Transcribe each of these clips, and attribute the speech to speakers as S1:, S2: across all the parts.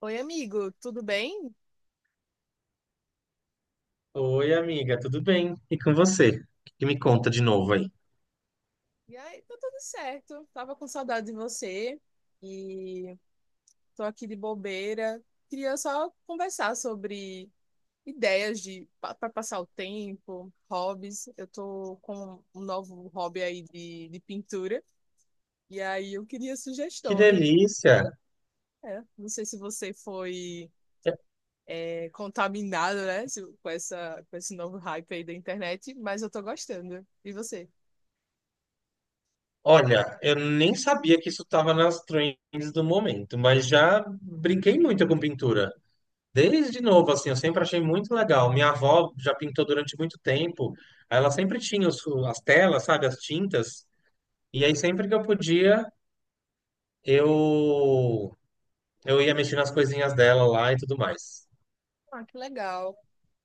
S1: Oi, amigo, tudo bem?
S2: Oi, amiga, tudo bem? E com você? O que que me conta de novo aí?
S1: E aí, tá tudo certo. Tava com saudade de você e tô aqui de bobeira. Queria só conversar sobre ideias de para passar o tempo, hobbies. Eu tô com um novo hobby aí de pintura e aí eu queria
S2: Que
S1: sugestões.
S2: delícia!
S1: É, não sei se você foi contaminado, né, com essa, com esse novo hype aí da internet, mas eu tô gostando. E você?
S2: Olha, eu nem sabia que isso estava nas trends do momento, mas já brinquei muito com pintura. Desde novo, assim, eu sempre achei muito legal. Minha avó já pintou durante muito tempo. Ela sempre tinha as telas, sabe, as tintas. E aí, sempre que eu podia, eu, eu ia mexer nas coisinhas dela lá e tudo mais.
S1: Ah, que legal.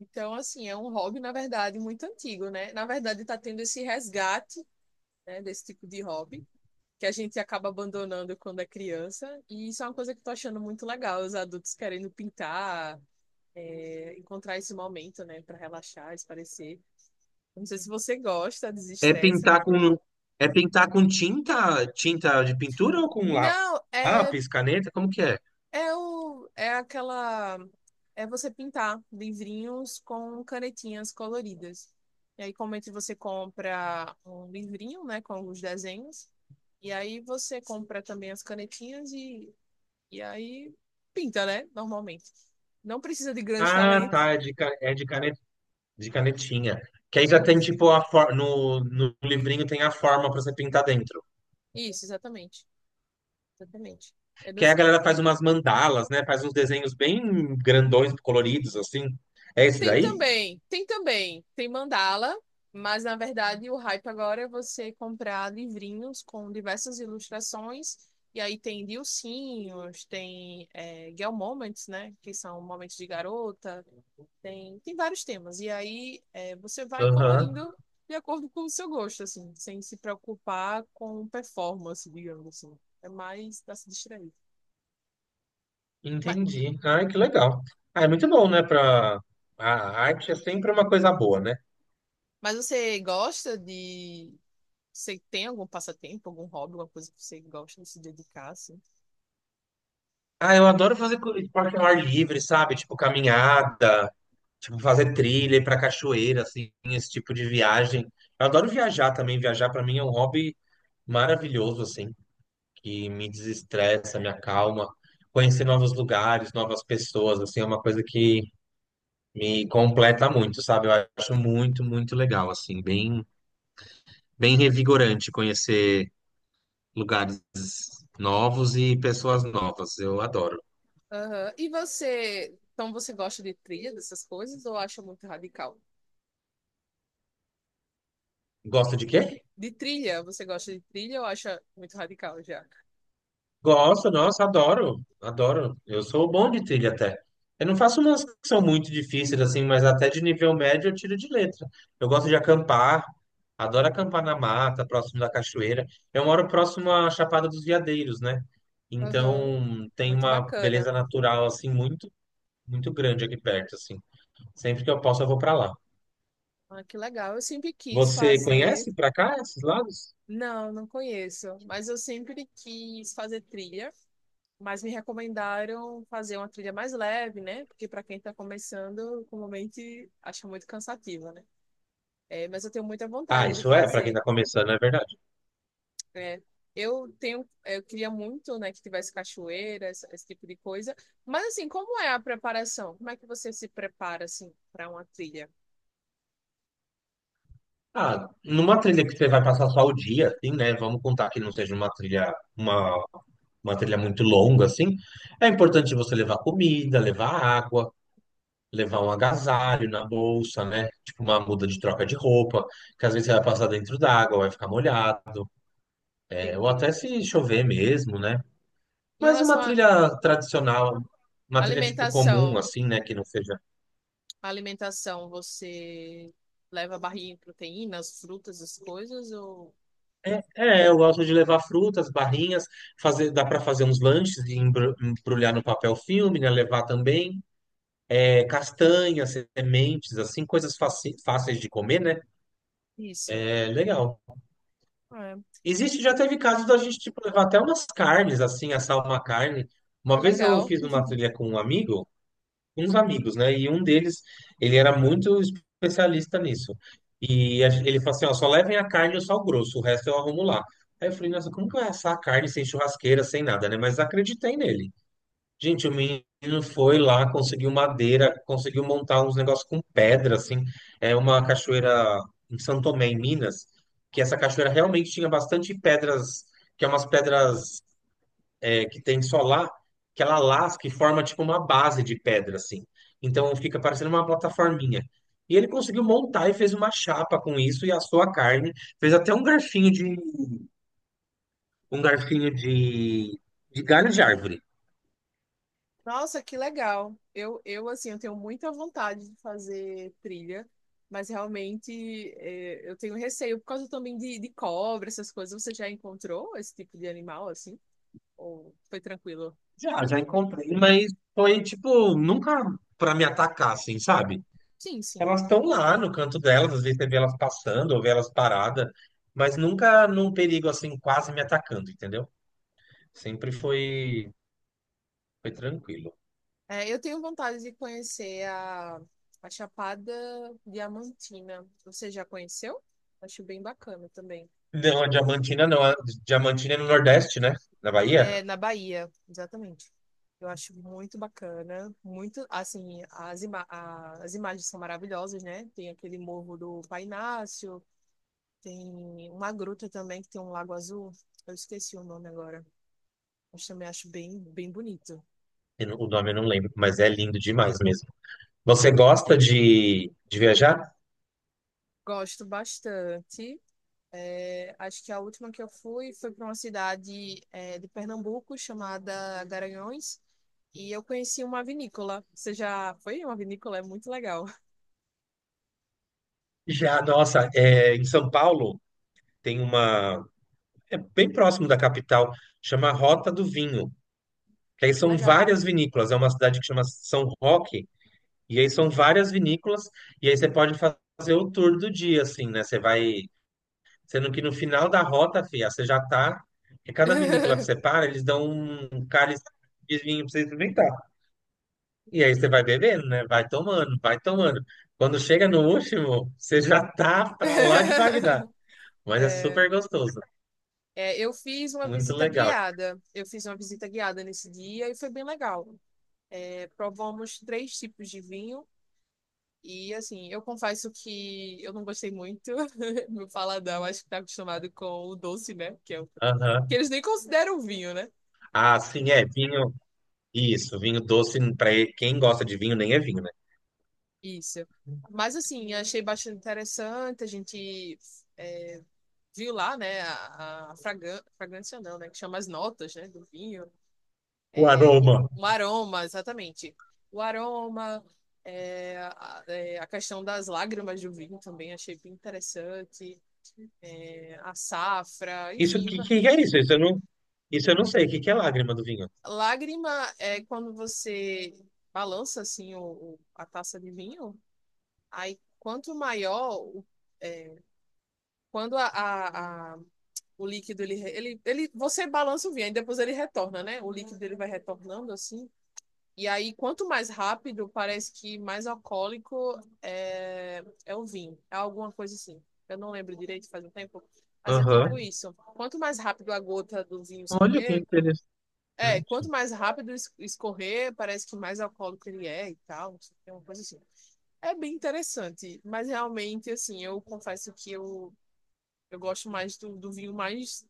S1: Então, assim, é um hobby, na verdade, muito antigo, né? Na verdade, está tendo esse resgate, né, desse tipo de hobby, que a gente acaba abandonando quando é criança. E isso é uma coisa que eu tô achando muito legal, os adultos querendo pintar, encontrar esse momento, né, para relaxar, espairecer. Não sei se você gosta,
S2: É
S1: desestressa.
S2: pintar com é pintar com tinta, tinta de pintura ou com
S1: Não, é.
S2: lápis, caneta, como que é?
S1: É aquela. É você pintar livrinhos com canetinhas coloridas. E aí, comumente você compra um livrinho, né, com os desenhos. E aí, você compra também as canetinhas e aí pinta, né, normalmente. Não precisa de grandes
S2: Ah,
S1: talentos.
S2: tá, é de, ca- é de, cane- de canetinha. Que aí já tem
S1: Isso,
S2: tipo a no, no livrinho tem a forma pra você pintar dentro.
S1: isso, exatamente. Exatamente. Eu não.
S2: Que aí a galera faz umas mandalas, né? Faz uns desenhos bem grandões, coloridos assim. É esse
S1: Tem
S2: daí?
S1: também, tem também, tem mandala, mas na verdade o hype agora é você comprar livrinhos com diversas ilustrações, e aí tem Dilcinhos, tem Girl Moments, né? Que são momentos de garota, tem, tem vários temas. E aí é, você vai
S2: Aham.
S1: colorindo de acordo com o seu gosto, assim, sem se preocupar com performance, digamos assim. É mais pra se distrair. Mas,
S2: Entendi. Ai, que legal. Ah, é muito bom, né? Pra... A arte é sempre uma coisa boa, né?
S1: mas você gosta de. Você tem algum passatempo, algum hobby, alguma coisa que você gosta de se dedicar, assim?
S2: Ah, eu adoro fazer esporte ao ar livre, sabe? Tipo caminhada, tipo fazer trilha, ir pra cachoeira, assim, esse tipo de viagem. Eu adoro viajar também. Viajar pra mim é um hobby maravilhoso, assim, que me desestressa, me acalma. Conhecer novos lugares, novas pessoas, assim, é uma coisa que me completa muito, sabe? Eu acho muito, muito legal, assim, bem, bem revigorante conhecer lugares novos e pessoas novas. Eu adoro.
S1: Aham. E você, então você gosta de trilha, dessas coisas, ou acha muito radical?
S2: Gosta de quê?
S1: De trilha, você gosta de trilha ou acha muito radical já?
S2: Gosto, nossa, adoro, adoro. Eu sou bom de trilha até. Eu não faço umas que são muito difíceis, assim, mas até de nível médio eu tiro de letra. Eu gosto de acampar, adoro acampar na mata, próximo da cachoeira. Eu moro próximo à Chapada dos Veadeiros, né?
S1: Aham.
S2: Então tem
S1: Muito
S2: uma
S1: bacana.
S2: beleza natural, assim, muito, muito grande aqui perto, assim. Sempre que eu posso, eu vou pra lá.
S1: Ah, que legal. Eu sempre quis
S2: Você
S1: fazer.
S2: conhece pra cá esses lados?
S1: Não, não conheço, mas eu sempre quis fazer trilha, mas me recomendaram fazer uma trilha mais leve, né? Porque para quem está começando, comumente acha muito cansativa, né? É, mas eu tenho muita
S2: Ah,
S1: vontade de
S2: isso é, pra quem
S1: fazer.
S2: tá começando, é verdade.
S1: É, eu tenho, eu queria muito, né, que tivesse cachoeiras esse, esse tipo de coisa. Mas assim, como é a preparação? Como é que você se prepara assim para uma trilha?
S2: Ah, numa trilha que você vai passar só o dia, assim, né? Vamos contar que não seja uma trilha muito longa, assim. É importante você levar comida, levar água, levar um agasalho na bolsa, né? Tipo uma muda de troca de roupa, que às vezes você vai passar dentro d'água, vai ficar molhado, é, ou até
S1: Entendi.
S2: se chover mesmo, né?
S1: Em
S2: Mas
S1: relação
S2: uma
S1: à
S2: trilha tradicional, uma trilha tipo comum,
S1: alimentação,
S2: assim, né? Que não seja...
S1: a alimentação, você leva barrinha de proteínas, frutas, as coisas ou
S2: É, é, eu gosto de levar frutas, barrinhas, fazer, dá para fazer uns lanches e embrulhar no papel filme, né? Levar também é, castanhas, sementes, assim, coisas fáceis de comer, né?
S1: isso?
S2: É legal.
S1: É,
S2: Existe, já teve casos da gente tipo, levar até umas carnes, assim, assar uma carne.
S1: que
S2: Uma vez eu
S1: legal.
S2: fiz uma trilha com um amigo. Uns amigos, né? E um deles, ele era muito especialista nisso. E ele falou assim, ó, só levem a carne ou só o grosso, o resto eu arrumo lá. Aí eu falei, nossa, como que vai assar a carne sem churrasqueira, sem nada, né? Mas acreditei nele. Gente, o menino foi lá, conseguiu madeira, conseguiu montar uns negócios com pedra, assim. É uma cachoeira em São Tomé, em Minas, que essa cachoeira realmente tinha bastante pedras, que é umas pedras é que tem solar, que ela lasca e forma tipo uma base de pedra, assim. Então fica parecendo uma plataforminha. E ele conseguiu montar e fez uma chapa com isso e assou a carne. Fez até um garfinho de galho de árvore.
S1: Nossa, que legal. Eu assim, eu tenho muita vontade de fazer trilha, mas realmente é, eu tenho receio por causa também de cobra, essas coisas. Você já encontrou esse tipo de animal, assim? Ou foi tranquilo?
S2: Já, já encontrei, mas foi tipo nunca para me atacar, assim, sabe?
S1: Sim, sim.
S2: Elas estão lá no canto delas, às vezes você vê elas passando ou vê elas paradas, mas nunca num perigo assim quase me atacando, entendeu? Sempre foi tranquilo.
S1: É, eu tenho vontade de conhecer a Chapada Diamantina. Você já conheceu? Acho bem bacana também.
S2: Não, a Diamantina não. A Diamantina é no Nordeste, né? Na Bahia?
S1: É, na Bahia, exatamente. Eu acho muito bacana, muito, assim, as, as imagens são maravilhosas, né? Tem aquele morro do Painácio, tem uma gruta também que tem um lago azul. Eu esqueci o nome agora, mas também acho bem, bem bonito.
S2: Eu não- O nome eu não lembro, mas é lindo demais mesmo. Você gosta de viajar?
S1: Gosto bastante. É, acho que a última que eu fui foi para uma cidade, é, de Pernambuco chamada Garanhuns e eu conheci uma vinícola. Você já foi em uma vinícola? É muito legal.
S2: Já, nossa, é, em São Paulo tem uma. É bem próximo da capital, chama Rota do Vinho. Que aí são
S1: Legal.
S2: várias vinícolas. É uma cidade que chama São Roque, e aí são várias vinícolas, e aí você pode fazer o tour do dia, assim, né? Você vai. Sendo que no final da rota, filha, você já tá. Porque cada vinícola que você para, eles dão um cálice de vinho pra você experimentar. E aí você vai bebendo, né? Vai tomando, vai tomando. Quando chega no último, você já tá pra lá de Bagdá. Mas é
S1: É,
S2: super gostoso.
S1: é, eu fiz uma
S2: Muito
S1: visita
S2: legal.
S1: guiada. Eu fiz uma visita guiada nesse dia e foi bem legal. É, provamos três tipos de vinho e, assim, eu confesso que eu não gostei muito. Meu paladão acho que tá acostumado com o doce, né? Que
S2: Aham.
S1: eles nem consideram vinho, né?
S2: Ah, sim, é. Vinho. Isso, vinho doce, pra quem gosta de vinho, nem é vinho, né?
S1: Isso. Mas, assim, achei bastante interessante. A gente viu lá, né, a fragrância, não, né? Que chama as notas, né, do vinho.
S2: O aroma.
S1: O aroma, exatamente. O aroma, a questão das lágrimas do vinho também achei bem interessante. É, a safra,
S2: Isso,
S1: enfim.
S2: que é isso? Isso eu não sei. Que é lágrima do vinho?
S1: Lágrima é quando você balança assim a taça de vinho. Aí quanto maior, o- é, quando o líquido ele você balança o vinho, aí depois ele retorna, né? O líquido ele vai retornando assim. E aí, quanto mais rápido, parece que mais alcoólico é, é o vinho. É alguma coisa assim. Eu não lembro direito, faz um tempo. Mas é
S2: Aham.
S1: tipo isso. Quanto mais rápido a gota do vinho
S2: Olha que
S1: escorrer,
S2: interessante.
S1: é, quanto mais rápido escorrer, parece que mais alcoólico ele é e tal. Não sei, é uma coisa assim. É bem interessante. Mas realmente, assim, eu confesso que eu gosto mais do vinho mais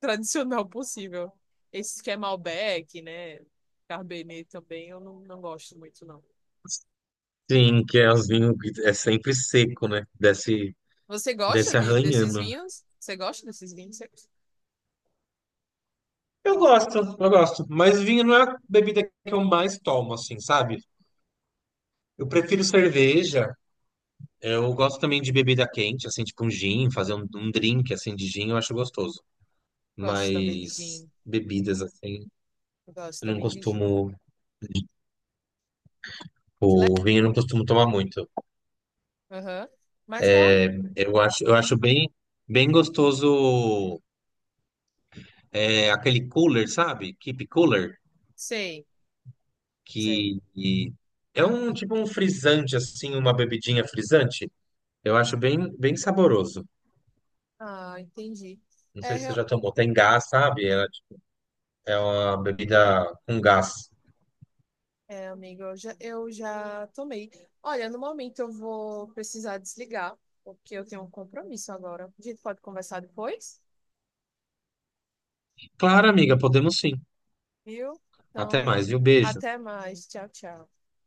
S1: tradicional possível. Esse que é Malbec, né? Cabernet também, eu não, não gosto muito, não.
S2: Sim, que é os vinhos que é sempre seco, né? Desce,
S1: Você gosta
S2: desce
S1: de, desses
S2: arranhando.
S1: vinhos? Você gosta desses vinhos? Você...
S2: Eu gosto. Mas vinho não é a bebida que eu mais tomo, assim, sabe? Eu prefiro cerveja. Eu gosto também de bebida quente, assim, tipo um gin, fazer um drink, assim, de gin, eu acho gostoso.
S1: Gosto também de
S2: Mas
S1: gin.
S2: bebidas, assim,
S1: Eu gosto
S2: eu não
S1: também de gin.
S2: costumo...
S1: Que legal.
S2: O vinho eu não costumo tomar muito.
S1: Aham. Mas realmente.
S2: Eu acho bem, bem gostoso é, aquele cooler, sabe? Keep cooler.
S1: Sei, sei.
S2: Que é um tipo um frisante, assim, uma bebidinha frisante. Eu acho bem, bem saboroso.
S1: Ah, entendi.
S2: Não
S1: É,
S2: sei se você
S1: real-
S2: já tomou. Tem gás, sabe? É, é uma bebida com gás.
S1: é amigo, eu já tomei. Olha, no momento eu vou precisar desligar, porque eu tenho um compromisso agora. A gente pode conversar depois,
S2: Claro, amiga, podemos sim.
S1: viu?
S2: Até
S1: Então,
S2: mais, viu? Beijo.
S1: até mais. Tchau, tchau.